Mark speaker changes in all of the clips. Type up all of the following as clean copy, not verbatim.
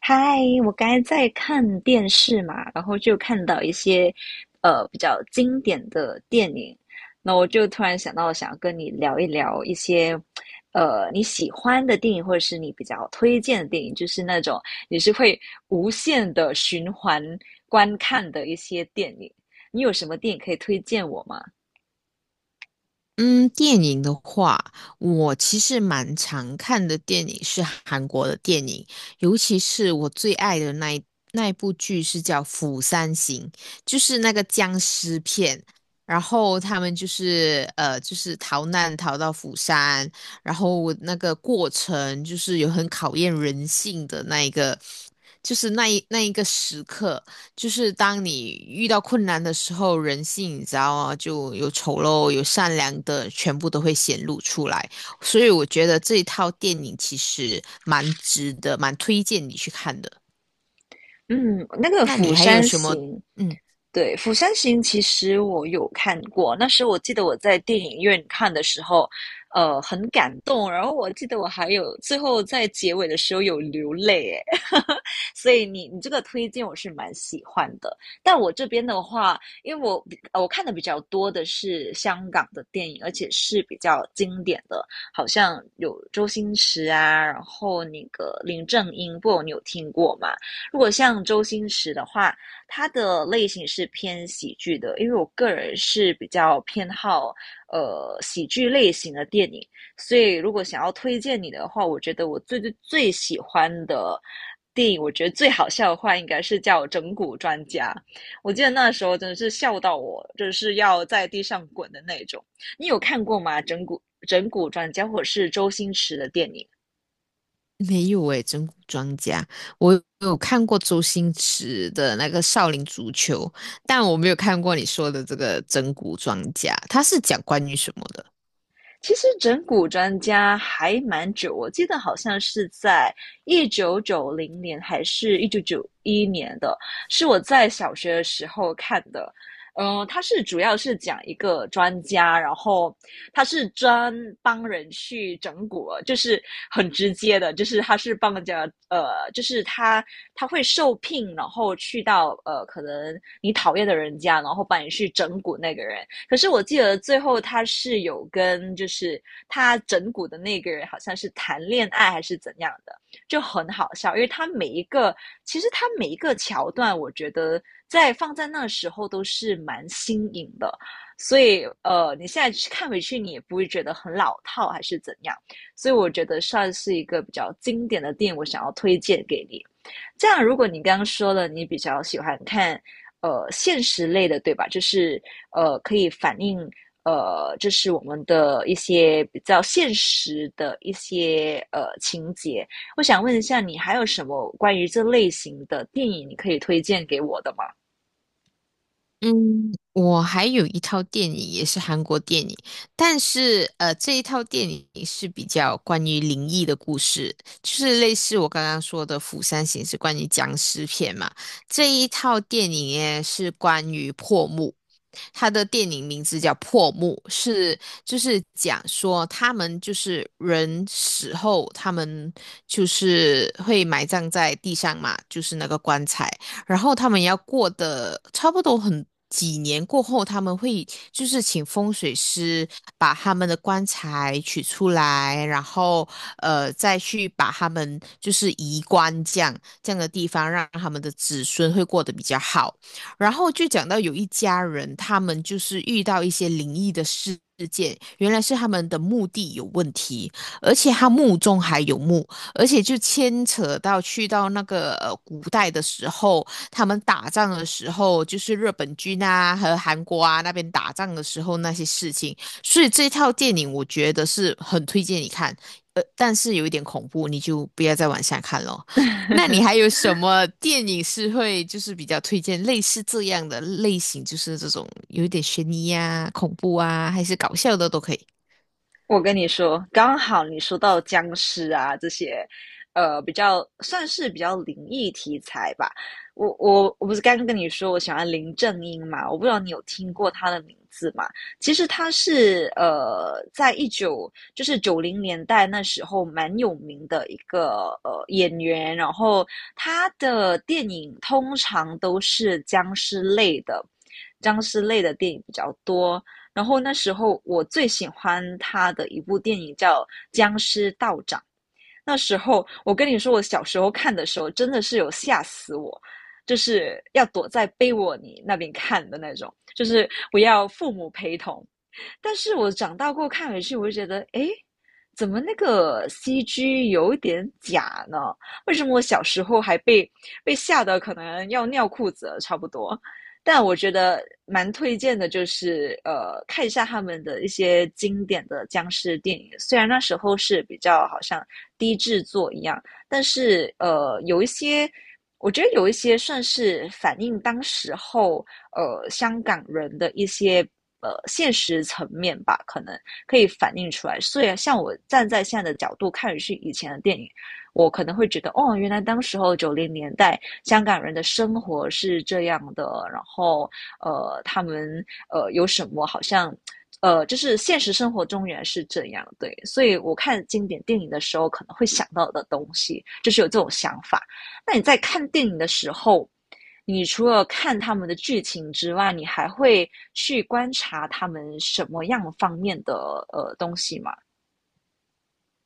Speaker 1: 嗨，我刚才在看电视嘛，然后就看到一些比较经典的电影，那我就突然想到想要跟你聊一聊一些你喜欢的电影，或者是你比较推荐的电影，就是那种你是会无限的循环观看的一些电影。你有什么电影可以推荐我吗？
Speaker 2: 嗯，电影的话，我其实蛮常看的电影是韩国的电影，尤其是我最爱的那一部剧是叫《釜山行》，就是那个僵尸片。然后他们就是就是逃难逃到釜山，然后那个过程就是有很考验人性的那一个就是那一个时刻，就是当你遇到困难的时候，人性你知道吗？就有丑陋，有善良的，全部都会显露出来。所以我觉得这一套电影其实蛮值得，蛮推荐你去看的。
Speaker 1: 嗯，那个
Speaker 2: 那你
Speaker 1: 《釜
Speaker 2: 还有
Speaker 1: 山
Speaker 2: 什么？
Speaker 1: 行》，
Speaker 2: 嗯，
Speaker 1: 对，《釜山行》其实我有看过，那时我记得我在电影院看的时候，很感动，然后我记得我还有最后在结尾的时候有流泪，哎，所以你这个推荐我是蛮喜欢的，但我这边的话，因为我看的比较多的是香港的电影，而且是比较经典的，好像有周星驰啊，然后那个林正英，不，你有听过吗？如果像周星驰的话，他的类型是偏喜剧的，因为我个人是比较偏好喜剧类型的电影，所以如果想要推荐你的话，我觉得我最最最喜欢的。电影我觉得最好笑的话，应该是叫《整蛊专家》。我记得那时候真的是笑到我，就是要在地上滚的那种。你有看过吗？《整蛊专家》或者是周星驰的电影？
Speaker 2: 没有诶，整蛊专家，我有看过周星驰的那个《少林足球》，但我没有看过你说的这个整蛊专家，他是讲关于什么的？
Speaker 1: 其实整蛊专家还蛮久，我记得好像是在1990年还是1991年的，是我在小学的时候看的。它是主要是讲一个专家，然后他是专帮人去整蛊，就是很直接的，就是他是帮人家，呃，就是他会受聘，然后去到呃，可能你讨厌的人家，然后帮你去整蛊那个人。可是我记得最后他是有跟就是他整蛊的那个人好像是谈恋爱还是怎样的，就很好笑，因为他每一个其实他每一个桥段，我觉得在放在那时候都是蛮新颖的。所以，呃，你现在看回去，你也不会觉得很老套还是怎样。所以我觉得算是一个比较经典的电影，我想要推荐给你。这样，如果你刚刚说了你比较喜欢看现实类的，对吧？就是可以反映就是我们的一些比较现实的一些情节。我想问一下，你还有什么关于这类型的电影你可以推荐给我的吗？
Speaker 2: 嗯，我还有一套电影也是韩国电影，但是这一套电影是比较关于灵异的故事，就是类似我刚刚说的《釜山行》是关于僵尸片嘛，这一套电影呢是关于破墓。他的电影名字叫《破墓》，是就是讲说他们就是人死后，他们就是会埋葬在地上嘛，就是那个棺材。然后他们要过的差不多很几年过后，他们会就是请风水师把他们的棺材取出来，然后再去把他们就是移棺这样的地方，让他们的子孙会过得比较好。然后就讲到有一家人，他们就是遇到一些灵异的事。件原来是他们的墓地有问题，而且他墓中还有墓，而且就牵扯到去到那个古代的时候，他们打仗的时候，就是日本军啊和韩国啊那边打仗的时候那些事情。所以这套电影我觉得是很推荐你看，呃，但是有一点恐怖，你就不要再往下看了。那你还有什么电影是会就是比较推荐类似这样的类型，就是这种有一点悬疑啊、恐怖啊，还是搞笑的都可以。
Speaker 1: 我跟你说，刚好你说到僵尸啊这些，呃，比较算是比较灵异题材吧。我不是刚刚跟你说我喜欢林正英嘛？我不知道你有听过他的名字吗？其实他是在一九就是九零年代那时候蛮有名的一个演员，然后他的电影通常都是僵尸类的，僵尸类的电影比较多。然后那时候我最喜欢他的一部电影叫《僵尸道长》。那时候我跟你说，我小时候看的时候真的是有吓死我，就是要躲在被窝里那边看的那种，就是我要父母陪同。但是我长大过看回去，我就觉得，诶，怎么那个 CG 有点假呢？为什么我小时候还被吓得可能要尿裤子了，差不多。但我觉得蛮推荐的，就是呃，看一下他们的一些经典的僵尸电影。虽然那时候是比较好像低制作一样，但是呃，有一些，我觉得有一些算是反映当时候香港人的一些现实层面吧，可能可以反映出来。所以像我站在现在的角度看是以前的电影，我可能会觉得哦，原来当时候九零年代香港人的生活是这样的，然后他们有什么好像就是现实生活中原来是这样，对，所以我看经典电影的时候，可能会想到的东西，就是有这种想法。那你在看电影的时候，你除了看他们的剧情之外，你还会去观察他们什么样方面的东西吗？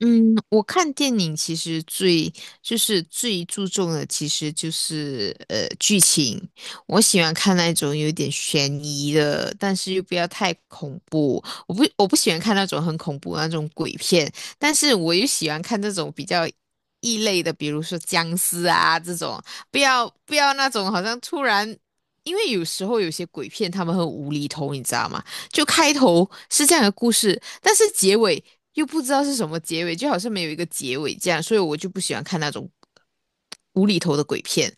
Speaker 2: 嗯，我看电影其实最就是最注重的，其实就是剧情。我喜欢看那种有点悬疑的，但是又不要太恐怖。我不喜欢看那种很恐怖的那种鬼片，但是我又喜欢看那种比较异类的，比如说僵尸啊这种，不要那种好像突然。因为有时候有些鬼片他们很无厘头，你知道吗？就开头是这样的故事，但是结尾又不知道是什么结尾，就好像没有一个结尾这样，所以我就不喜欢看那种无厘头的鬼片。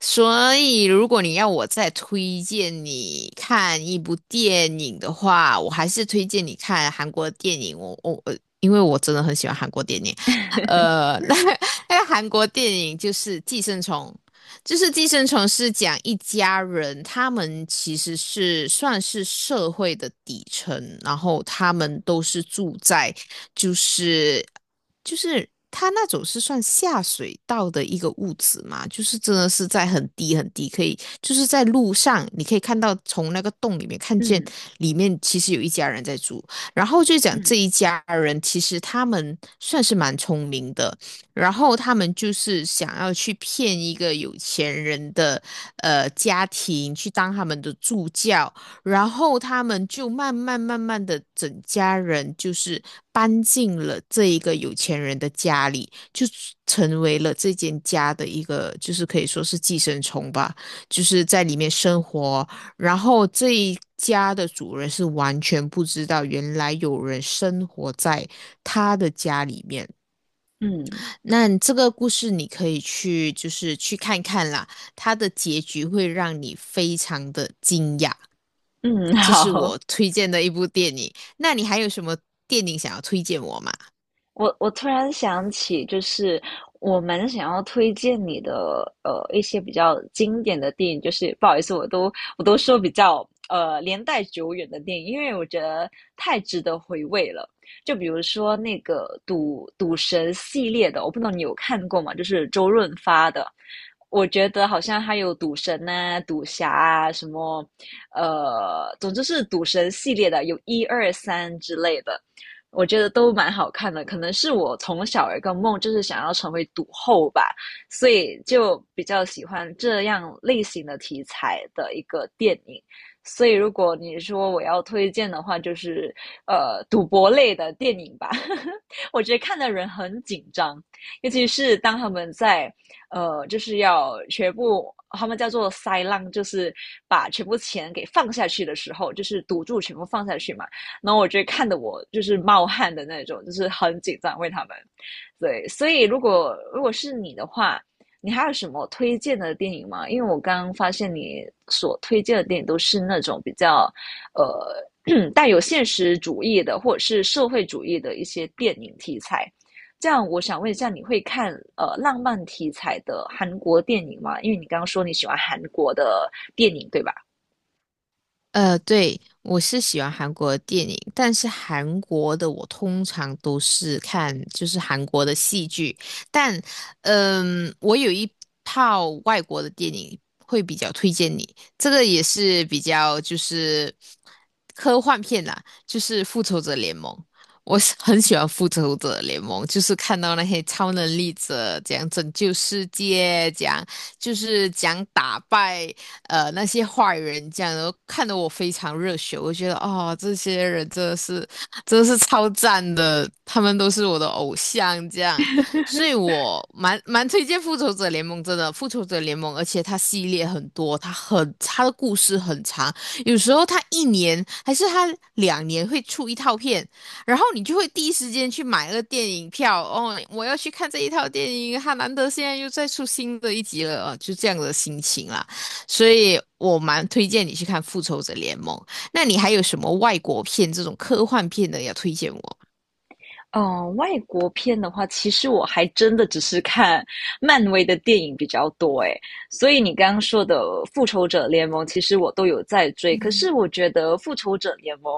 Speaker 2: 所以，如果你要我再推荐你看一部电影的话，我还是推荐你看韩国电影。我我呃，因为我真的很喜欢韩国电影。呃，那那个韩国电影就是《寄生虫》，就是《寄生虫》是讲一家人，他们其实是算是社会的底层，然后他们都是住在就是就是他那种是算下水道的一个屋子嘛，就是真的是在很低很低，可以就是在路上你可以看到从那个洞里面看见
Speaker 1: 嗯
Speaker 2: 里面其实有一家人在住，然后就讲这
Speaker 1: 嗯
Speaker 2: 一家人其实他们算是蛮聪明的，然后他们就是想要去骗一个有钱人的家庭去当他们的助教，然后他们就慢慢的整家人就是搬进了这一个有钱人的家里，就成为了这间家的一个就是可以说是寄生虫吧，就是在里面生活，然后这一家的主人是完全不知道原来有人生活在他的家里面。
Speaker 1: 嗯
Speaker 2: 那你这个故事你可以去，就是去看看啦，它的结局会让你非常的惊讶。
Speaker 1: 嗯，
Speaker 2: 这 是
Speaker 1: 好，
Speaker 2: 我推荐的一部电影。那你还有什么电影想要推荐我吗？
Speaker 1: 我突然想起，就是我蛮想要推荐你的一些比较经典的电影，就是不好意思，我都说比较年代久远的电影，因为我觉得太值得回味了。就比如说那个赌神系列的，我不知道你有看过吗？就是周润发的，我觉得好像还有赌神呐、赌侠啊什么，总之是赌神系列的，有一二三之类的。我觉得都蛮好看的。可能是我从小有一个梦，就是想要成为赌后吧，所以就比较喜欢这样类型的题材的一个电影。所以如果你说我要推荐的话，就是赌博类的电影吧。我觉得看的人很紧张，尤其是当他们在就是要全部。他们叫做塞浪，就是把全部钱给放下去的时候，就是赌注全部放下去嘛。然后我觉得看的我就是冒汗的那种，就是很紧张为他们。对，所以如果如果是你的话，你还有什么推荐的电影吗？因为我刚发现你所推荐的电影都是那种比较带有现实主义的或者是社会主义的一些电影题材。这样，我想问一下，你会看浪漫题材的韩国电影吗？因为你刚刚说你喜欢韩国的电影，对吧？
Speaker 2: 呃，对，我是喜欢韩国的电影，但是韩国的我通常都是看就是韩国的戏剧，但嗯，我有一套外国的电影会比较推荐你，这个也是比较就是科幻片啦，就是《复仇者联盟》，我是很喜欢《复仇者联盟》，就是看到那些超能力者怎样拯救世界，怎样就是讲打败。那些坏人这样，然后看得我非常热血。我觉得哦，这些人真的是超赞的，他们都是我的偶像这样，所以我蛮推荐《复仇者联盟》真的，《复仇者联盟》，而且它系列很多，它的故事很长，有时候它一年还是它两年会出一套片。然后你就会第一时间去买那个电影票哦，我要去看这一套电影，它难得现在又再出新的一集了，哦就这样的心情啦。所以我蛮推荐你去看《复仇者联盟》。那你还有什么外国片这种科幻片的要推荐我？
Speaker 1: 外国片的话，其实我还真的只是看漫威的电影比较多诶，所以你刚刚说的《复仇者联盟》，其实我都有在追。可
Speaker 2: 嗯，
Speaker 1: 是我觉得《复仇者联盟》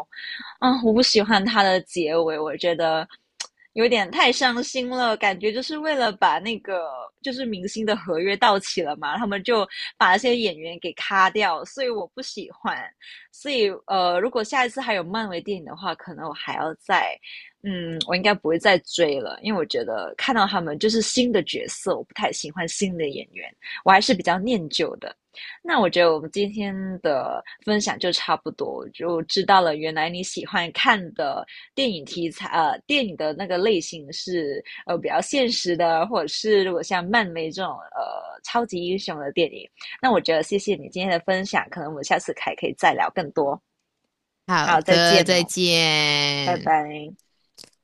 Speaker 1: 啊，我不喜欢它的结尾，我觉得有点太伤心了，感觉就是为了把那个就是明星的合约到期了嘛，他们就把那些演员给咔掉，所以我不喜欢。所以如果下一次还有漫威电影的话，可能我还要再我应该不会再追了，因为我觉得看到他们就是新的角色，我不太喜欢新的演员，我还是比较念旧的。那我觉得我们今天的分享就差不多，就知道了原来你喜欢看的电影题材，电影的那个类型是比较现实的，或者是如果像漫威这种超级英雄的电影。那我觉得谢谢你今天的分享，可能我们下次还可以再聊更多。
Speaker 2: 好
Speaker 1: 好，再
Speaker 2: 的，
Speaker 1: 见
Speaker 2: 再
Speaker 1: 哦，拜
Speaker 2: 见。
Speaker 1: 拜。